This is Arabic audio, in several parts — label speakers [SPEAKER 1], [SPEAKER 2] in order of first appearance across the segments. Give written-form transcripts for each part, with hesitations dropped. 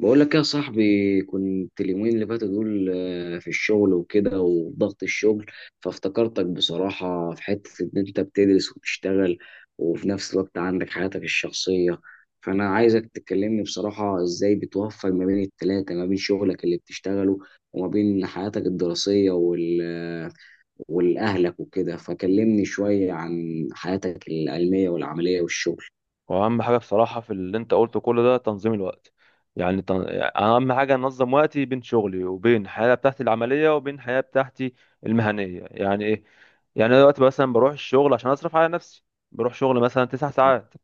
[SPEAKER 1] بقول لك يا صاحبي، كنت اليومين اللي فاتوا دول في الشغل وكده وضغط الشغل. فافتكرتك بصراحة في حتة إن أنت بتدرس وبتشتغل وفي نفس الوقت عندك حياتك الشخصية. فأنا عايزك تكلمني بصراحة إزاي بتوفق ما بين التلاتة، ما بين شغلك اللي بتشتغله وما بين حياتك الدراسية والأهلك وكده. فكلمني شوية عن حياتك العلمية والعملية والشغل.
[SPEAKER 2] واهم حاجه بصراحه في اللي انت قلته كل ده تنظيم الوقت. يعني تن... اهم حاجه انظم وقتي بين شغلي وبين الحياه بتاعتي العمليه وبين الحياه بتاعتي المهنيه، يعني ايه؟ يعني انا دلوقتي مثلا بروح الشغل عشان اصرف على نفسي، بروح شغل مثلا تسع ساعات.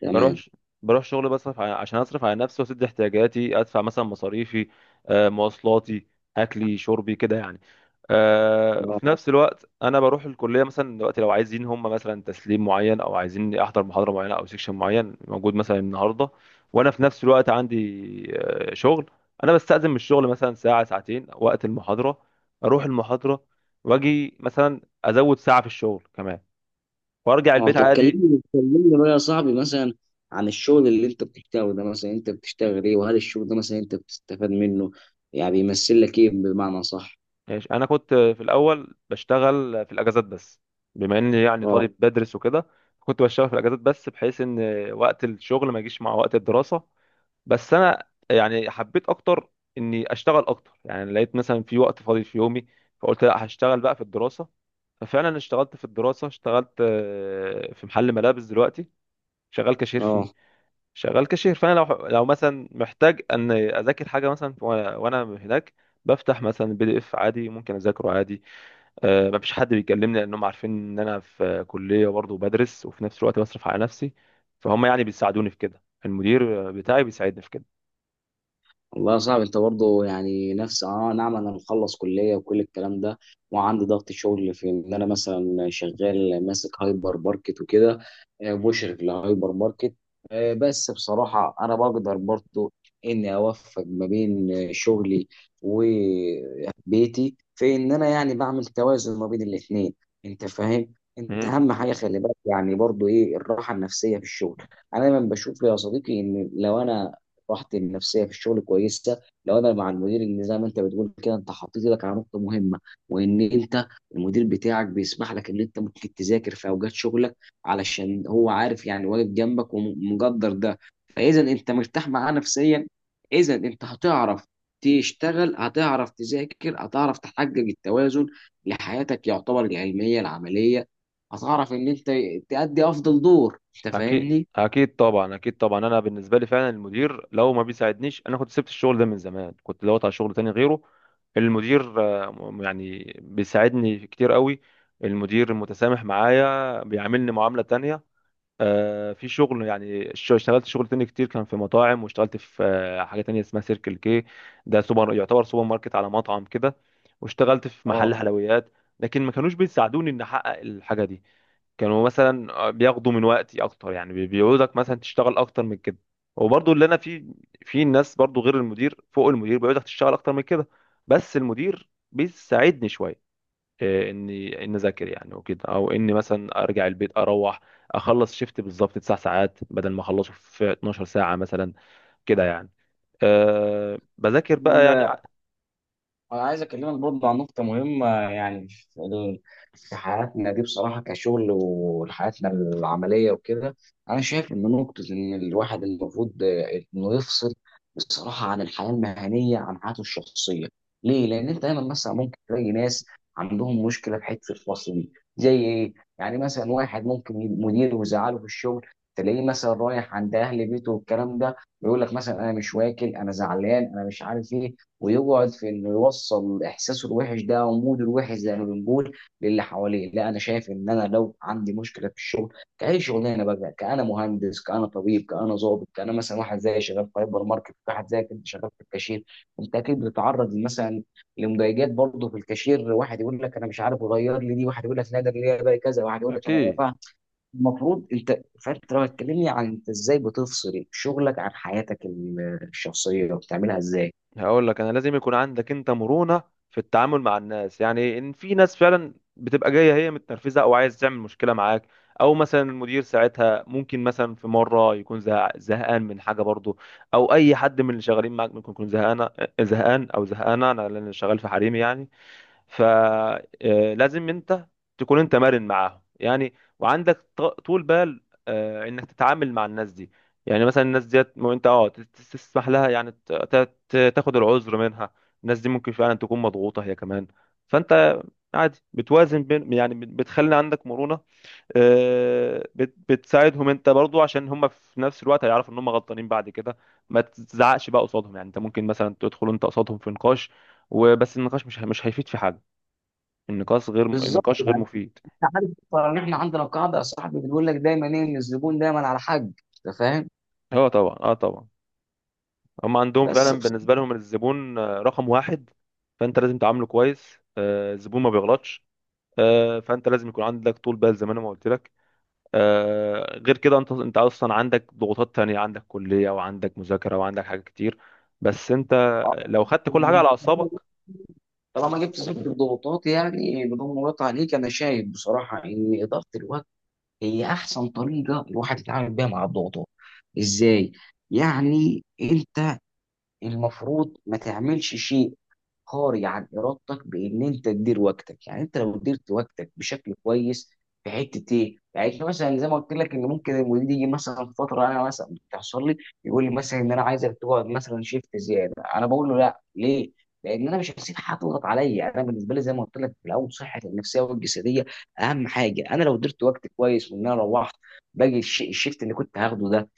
[SPEAKER 1] تمام.
[SPEAKER 2] بروح بروح شغل عشان اصرف على نفسي واسد احتياجاتي، ادفع مثلا مصاريفي، مواصلاتي، اكلي شربي كده يعني. وفي نفس الوقت انا بروح الكليه مثلا دلوقتي، لو عايزين هم مثلا تسليم معين او عايزين احضر محاضره معينه او سيكشن معين موجود مثلا النهارده، وانا في نفس الوقت عندي شغل. انا بستأذن من الشغل مثلا ساعه ساعتين وقت المحاضره، اروح المحاضره واجي مثلا ازود ساعه في الشغل كمان، وارجع
[SPEAKER 1] اه
[SPEAKER 2] البيت
[SPEAKER 1] طب
[SPEAKER 2] عادي.
[SPEAKER 1] كلمني كلمني بقى يا صاحبي، مثلا عن الشغل اللي انت بتشتغله ده. مثلا انت بتشتغل ايه؟ وهل الشغل ده مثلا انت بتستفاد منه؟ يعني بيمثل لك ايه بمعنى صح؟
[SPEAKER 2] ماشي، انا كنت في الاول بشتغل في الاجازات بس، بما اني يعني
[SPEAKER 1] اه.
[SPEAKER 2] طالب بدرس وكده، كنت بشتغل في الاجازات بس بحيث ان وقت الشغل ما يجيش مع وقت الدراسة. بس انا يعني حبيت اكتر اني اشتغل اكتر، يعني لقيت مثلا في وقت فاضي في يومي، فقلت لا، هشتغل بقى في الدراسة. ففعلا اشتغلت في الدراسة، اشتغلت في محل ملابس دلوقتي، شغال كاشير
[SPEAKER 1] اه
[SPEAKER 2] فيه. شغال كاشير، فانا لو مثلا محتاج ان اذاكر حاجه مثلا وأنا هناك، بفتح مثلا بي دي اف عادي، ممكن اذاكره عادي. أه، مفيش حد بيكلمني، لانهم عارفين ان انا في كليه برضه بدرس وفي نفس الوقت بصرف على نفسي. فهم يعني بيساعدوني في كده، المدير بتاعي بيساعدني في كده.
[SPEAKER 1] والله يا صاحبي، انت برضه يعني نفس اه. نعم، انا مخلص كليه وكل الكلام ده، وعندي ضغط شغل في ان انا مثلا شغال ماسك هايبر ماركت وكده، مشرف لهايبر ماركت. بس بصراحه انا بقدر برضه اني اوفق ما بين شغلي وبيتي، في ان انا يعني بعمل توازن ما بين الاثنين. انت فاهم؟ انت
[SPEAKER 2] مم.
[SPEAKER 1] اهم حاجه خلي بالك يعني برضه ايه؟ الراحه النفسيه في الشغل. انا دايما بشوف يا صديقي ان لو انا راحتي النفسيه في الشغل كويسه، لو انا مع المدير، ان زي ما انت بتقول كده انت حطيت ايدك على نقطه مهمه، وان انت المدير بتاعك بيسمح لك ان انت ممكن تذاكر في اوقات شغلك علشان هو عارف، يعني واقف جنبك ومقدر ده. فاذا انت مرتاح معاه نفسيا، اذا انت هتعرف تشتغل، هتعرف تذاكر، هتعرف تحقق التوازن لحياتك يعتبر العلميه العمليه. هتعرف ان انت تأدي افضل دور. انت
[SPEAKER 2] اكيد
[SPEAKER 1] فاهمني؟
[SPEAKER 2] اكيد، طبعا اكيد طبعا، انا بالنسبه لي فعلا المدير لو ما بيساعدنيش انا كنت سبت الشغل ده من زمان، كنت دورت على شغل تاني غيره. المدير يعني بيساعدني كتير قوي. المدير متسامح معايا، بيعاملني معامله تانية، في شغل يعني اشتغلت شغل تاني كتير، كان في مطاعم، واشتغلت في حاجه تانية اسمها سيركل كي، ده سوبر، يعتبر سوبر ماركت على مطعم كده. واشتغلت في محل
[SPEAKER 1] اه.
[SPEAKER 2] حلويات، لكن ما كانوش بيساعدوني ان احقق الحاجه دي. كانوا مثلا بياخدوا من وقتي اكتر، يعني بيقعدك مثلا تشتغل اكتر من كده. وبرضه اللي انا فيه، في ناس برضه غير المدير فوق المدير بيقعدك تشتغل اكتر من كده، بس المدير بيساعدني شويه، اني ان اذاكر يعني وكده، او اني مثلا ارجع البيت، اروح اخلص شيفت بالظبط 9 ساعات بدل ما اخلصه في 12 ساعه مثلا، كده يعني. بذاكر بقى يعني
[SPEAKER 1] أنا عايز أكلمك برضه عن نقطة مهمة يعني في حياتنا دي بصراحة كشغل وحياتنا العملية وكده. أنا شايف إن نقطة إن الواحد المفروض إنه يفصل بصراحة عن الحياة المهنية عن حياته الشخصية. ليه؟ لأن أنت دايما مثلا ممكن تلاقي ناس عندهم مشكلة في حتة الفصل دي زي إيه؟ يعني مثلا واحد ممكن مديره يزعله في الشغل، تلاقيه مثلا رايح عند أهل بيته والكلام ده، يقول لك مثلا أنا مش واكل، أنا زعلان، أنا مش عارف إيه، ويقعد في انه يوصل احساسه الوحش ده او موده الوحش زي ما بنقول للي حواليه. لا، انا شايف ان انا لو عندي مشكله في الشغل، كاي شغلانه بقى، كانا مهندس كانا طبيب كانا ضابط، كانا مثلا واحد زي شغال في هايبر ماركت، واحد زي كنت شغال في الكاشير. انت اكيد بتتعرض مثلا لمضايقات برضه في الكاشير، واحد يقول لك انا مش عارف اغير لي دي، واحد يقول لك لا ده اللي هي بقى كذا، واحد يقول لك انا لا
[SPEAKER 2] أكيد.
[SPEAKER 1] فاهم. المفروض انت، فانت لو هتكلمني عن انت ازاي بتفصل شغلك عن حياتك الشخصيه وبتعملها ازاي.
[SPEAKER 2] هقول لك انا لازم يكون عندك انت مرونة في التعامل مع الناس، يعني ان في ناس فعلا بتبقى جاية هي متنرفزة او عايز تعمل مشكلة معاك، او مثلا المدير ساعتها ممكن مثلا في مرة يكون زهقان من حاجة برضه، او اي حد من اللي شغالين معاك ممكن يكون زهقان، زهقان او زهقانة، انا لان شغال في حريمي يعني. فلازم انت تكون انت مرن معاهم يعني، وعندك طول بال انك تتعامل مع الناس دي. يعني مثلا الناس ديت مو انت تسمح لها، يعني تاخد العذر منها، الناس دي ممكن فعلا تكون مضغوطة هي كمان. فانت عادي بتوازن بين يعني بتخلي عندك مرونة، بتساعدهم انت برضو، عشان هم في نفس الوقت هيعرفوا ان هم غلطانين بعد كده. ما تزعقش بقى قصادهم، يعني انت ممكن مثلا تدخل انت قصادهم في نقاش، وبس النقاش مش هيفيد في حاجة، النقاش غير،
[SPEAKER 1] بالظبط.
[SPEAKER 2] النقاش غير مفيد.
[SPEAKER 1] انت عارف اصلا ان احنا عندنا قاعده يا صاحبي بتقول لك دايما ايه؟ ان الزبون دايما على حق. انت فاهم؟
[SPEAKER 2] اه طبعا، اه طبعا، هم عندهم
[SPEAKER 1] بس
[SPEAKER 2] فعلا بالنسبه لهم الزبون #1، فانت لازم تعامله كويس، الزبون ما بيغلطش. فانت لازم يكون عندك طول بال زي ما انا ما قلت لك. غير كده انت انت اصلا عندك ضغوطات تانية، عندك كليه وعندك مذاكره وعندك حاجات كتير، بس انت
[SPEAKER 1] آه.
[SPEAKER 2] لو خدت كل حاجه على اعصابك.
[SPEAKER 1] طالما جبت سيره الضغوطات يعني بدون مقاطعه عليك، انا شايف بصراحه ان اداره الوقت هي احسن طريقه الواحد يتعامل بيها مع الضغوطات. ازاي؟ يعني انت المفروض ما تعملش شيء خارج عن ارادتك، بان انت تدير وقتك. يعني انت لو ديرت وقتك بشكل كويس، في حته ايه؟ يعني إحنا مثلا زي ما قلت لك، ان ممكن المدير يجي مثلا فتره، انا مثلا بتحصل لي، يقول لي مثلا ان انا عايزك تقعد مثلا شيفت زياده. انا بقول له لا. ليه؟ لان انا مش هسيب حد يضغط عليا. يعني انا بالنسبه لي زي ما قلت لك في الاول، صحتي النفسيه والجسديه اهم حاجه. انا لو درت وقت كويس، وان انا روحت، باجي الشيفت اللي كنت هاخده ده،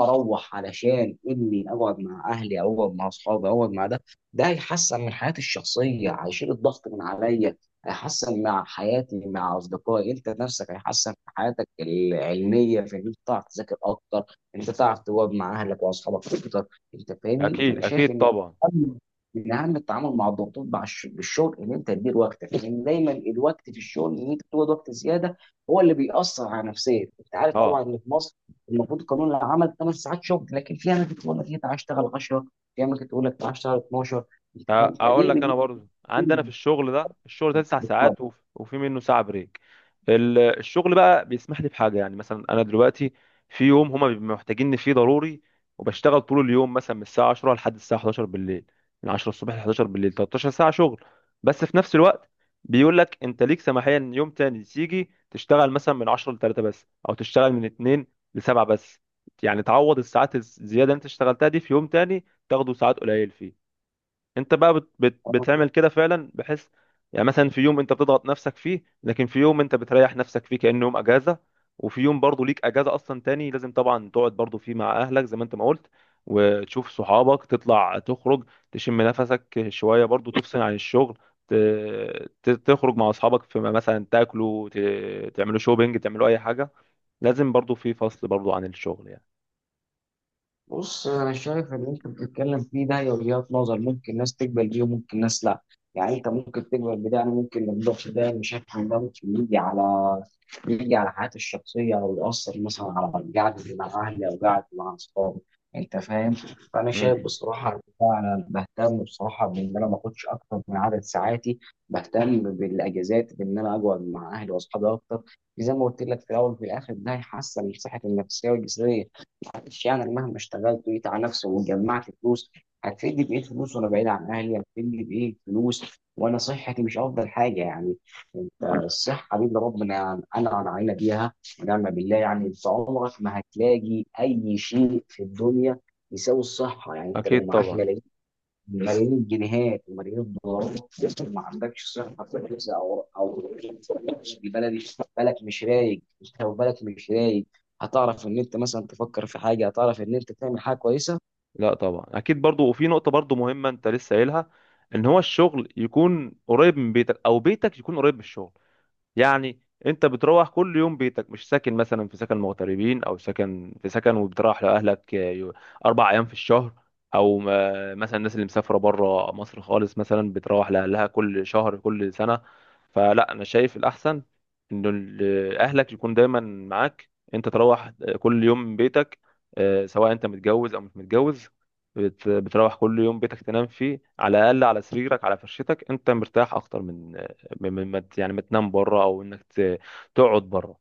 [SPEAKER 1] اروح علشان اني اقعد مع اهلي، او اقعد مع اصحابي، او اقعد مع ده، ده هيحسن من حياتي الشخصيه، هيشيل الضغط من عليا، هيحسن مع حياتي مع اصدقائي. انت نفسك هيحسن في حياتك العلميه، في ان انت تعرف تذاكر اكتر، انت تعرف تواجه مع اهلك واصحابك اكتر. انت فاهمني؟
[SPEAKER 2] اكيد
[SPEAKER 1] فانا شايف
[SPEAKER 2] اكيد
[SPEAKER 1] ان
[SPEAKER 2] طبعا.
[SPEAKER 1] أهم- من اهم التعامل مع الضغوطات مع بالشغل، ان انت تدير وقتك، لان دايما الوقت في الشغل ان انت تقعد وقت زياده هو اللي بيأثر على نفسيتك. انت عارف طبعا
[SPEAKER 2] اه
[SPEAKER 1] ان في مصر المفروض قانون العمل 8 ساعات شغل، لكن في اماكن تقول لك انت عايز تشتغل 10، في اماكن تقول لك تعالى اشتغل 12.
[SPEAKER 2] ه-
[SPEAKER 1] أنت فاهم؟
[SPEAKER 2] هقول لك انا برضو عندنا في الشغل ده، الشغل ده تسع
[SPEAKER 1] دي
[SPEAKER 2] ساعات وفي منه ساعه بريك. الشغل بقى بيسمح لي بحاجه، يعني مثلا انا دلوقتي في يوم هما بيبقوا محتاجيني فيه ضروري، وبشتغل طول اليوم مثلا من الساعه 10 لحد الساعه 11 بالليل، من 10 الصبح ل 11 بالليل، 13 ساعه شغل. بس في نفس الوقت بيقول لك انت ليك سماحيه ان يوم تاني تيجي تشتغل مثلا من 10 ل 3 بس، او تشتغل من 2 ل 7 بس، يعني تعوض الساعات الزياده اللي انت اشتغلتها دي في يوم تاني تاخده ساعات قليل فيه. انت بقى بت بت بتعمل كده فعلا، بحيث يعني مثلا في يوم انت بتضغط نفسك فيه، لكن في يوم انت بتريح نفسك فيه كأنه يوم اجازة. وفي يوم برضه ليك اجازة اصلا تاني، لازم طبعا تقعد برضه فيه مع اهلك زي ما انت ما قلت، وتشوف صحابك، تطلع تخرج، تشم نفسك شوية برضه، تفصل عن الشغل، تخرج مع اصحابك، في مثلا تاكلوا، تعملوا شوبينج، تعملوا اي حاجة. لازم برضه في فصل برضه عن الشغل يعني.
[SPEAKER 1] بص انا شايف ان انت بتتكلم فيه ده هي وجهات نظر، ممكن ناس تقبل بيه وممكن ناس لا. يعني انت ممكن تقبل بده، انا ممكن ما اقدرش، ده مش هفهم، ده ممكن يجي على يجي على حياتي الشخصيه، او ياثر مثلا على قعدتي مع اهلي او قعدتي مع اصحابي. انت فاهم؟ فانا شايف
[SPEAKER 2] مم.
[SPEAKER 1] بصراحه إن انا بهتم بصراحه بان انا ما اخدش اكتر من عدد ساعاتي، بهتم بالاجازات بان انا اقعد مع اهلي واصحابي اكتر. زي ما قلت لك في الاول وفي الاخر ده هيحسن من صحتي النفسيه والجسديه. معلش يعني، أنا مهما اشتغلت وجيت على نفسي وجمعت فلوس، هتفيدني بإيه فلوس وأنا بعيد عن أهلي؟ هتفيدني بإيه فلوس وأنا صحتي مش أفضل حاجة؟ يعني أنت الصحة دي اللي ربنا أنعم علينا بيها، ونعم بالله. يعني أنت عمرك ما هتلاقي أي شيء في الدنيا يساوي الصحة. يعني أنت لو
[SPEAKER 2] اكيد
[SPEAKER 1] معاك
[SPEAKER 2] طبعا.
[SPEAKER 1] ملايين، ملايين الجنيهات وملايين الدولارات، ما عندكش صحه كويسه، او او البلدي بالك مش رايق، انت لو بالك مش رايق، هتعرف ان انت مثلا تفكر في حاجه؟ هتعرف ان انت تعمل حاجه كويسه؟
[SPEAKER 2] لا طبعا اكيد برضو، وفي نقطه برضو مهمه انت لسه قايلها، ان هو الشغل يكون قريب من بيتك او بيتك يكون قريب من الشغل، يعني انت بتروح كل يوم بيتك، مش ساكن مثلا في سكن مغتربين او سكن في سكن، وبتروح لاهلك 4 ايام في الشهر، او مثلا الناس اللي مسافره بره مصر خالص مثلا بتروح لاهلها كل شهر كل سنه. فلا انا شايف الاحسن ان اهلك يكون دايما معاك، انت تروح كل يوم من بيتك، سواء انت متجوز او مش متجوز، بتروح كل يوم بيتك، تنام فيه على الاقل، على سريرك على فرشتك، انت مرتاح اكتر من م- م- ما ت- يعني ما تنام بره، او انك تقعد بره.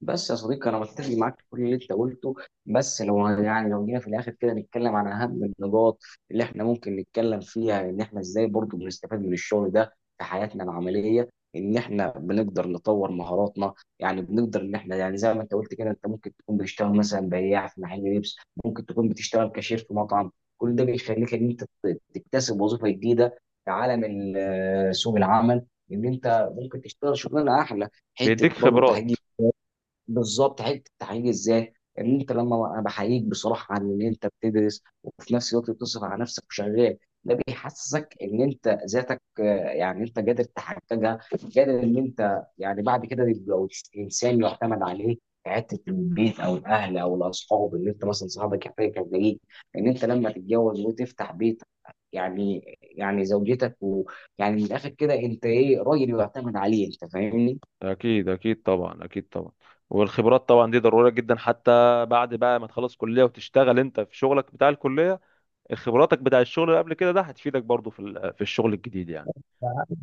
[SPEAKER 1] بس يا صديقي انا متفق معاك في كل اللي انت قلته. بس لو يعني لو جينا في الاخر كده نتكلم عن اهم النقاط اللي احنا ممكن نتكلم فيها، ان احنا ازاي برضو بنستفاد من الشغل ده في حياتنا العمليه، ان احنا بنقدر نطور مهاراتنا. يعني بنقدر ان احنا، يعني زي ما انت قلت كده، انت ممكن تكون بتشتغل مثلا بياع في محل لبس، ممكن تكون بتشتغل كاشير في مطعم، كل ده بيخليك ان انت تكتسب وظيفه جديده في عالم سوق العمل. ان انت ممكن تشتغل شغلانه احلى، حته
[SPEAKER 2] بيديك
[SPEAKER 1] برضو
[SPEAKER 2] خبرات.
[SPEAKER 1] تحقيق. بالظبط، حته التحقيق ازاي؟ ان انت لما انا بحييك بصراحه عن ان انت بتدرس وفي نفس الوقت بتصرف على نفسك وشغال، ده بيحسسك ان انت ذاتك يعني انت قادر تحققها، قادر ان انت يعني بعد كده تبقى انسان يعتمد عليه في حته البيت او الاهل او الاصحاب، ان انت مثلا صاحبك يحتاج يلاقيك، ان انت لما تتجوز وتفتح بيت، يعني يعني زوجتك، ويعني من الاخر كده انت ايه؟ راجل يعتمد عليه. انت فاهمني؟
[SPEAKER 2] اكيد اكيد طبعا، اكيد طبعا. والخبرات طبعا دي ضرورية جدا، حتى بعد بقى ما تخلص كلية وتشتغل انت في شغلك بتاع الكلية، خبراتك بتاع الشغل اللي قبل كده ده هتفيدك برضو في في الشغل الجديد يعني.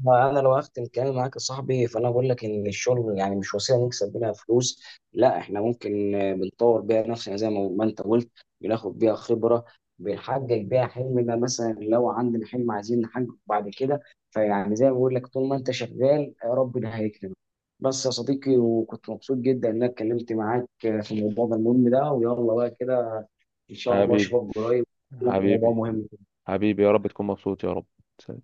[SPEAKER 1] انا لو هختم كلامي معاك يا صاحبي، فانا بقول لك ان الشغل يعني مش وسيله نكسب بيها فلوس لا، احنا ممكن بنطور بيها نفسنا زي ما انت قلت، بناخد بيها خبره، بنحقق بيها حلمنا مثلا لو عندنا حلم عايزين نحققه بعد كده. فيعني زي ما بقول لك طول ما انت شغال ربنا هيكرمك. بس يا صديقي، وكنت مبسوط جدا ان انا اتكلمت معاك في الموضوع ده المهم ده. ويلا بقى كده، ان شاء الله
[SPEAKER 2] حبيبي.
[SPEAKER 1] اشوفك قريب في موضوع
[SPEAKER 2] حبيبي.
[SPEAKER 1] مهم.
[SPEAKER 2] حبيبي، يا رب تكون مبسوط يا رب.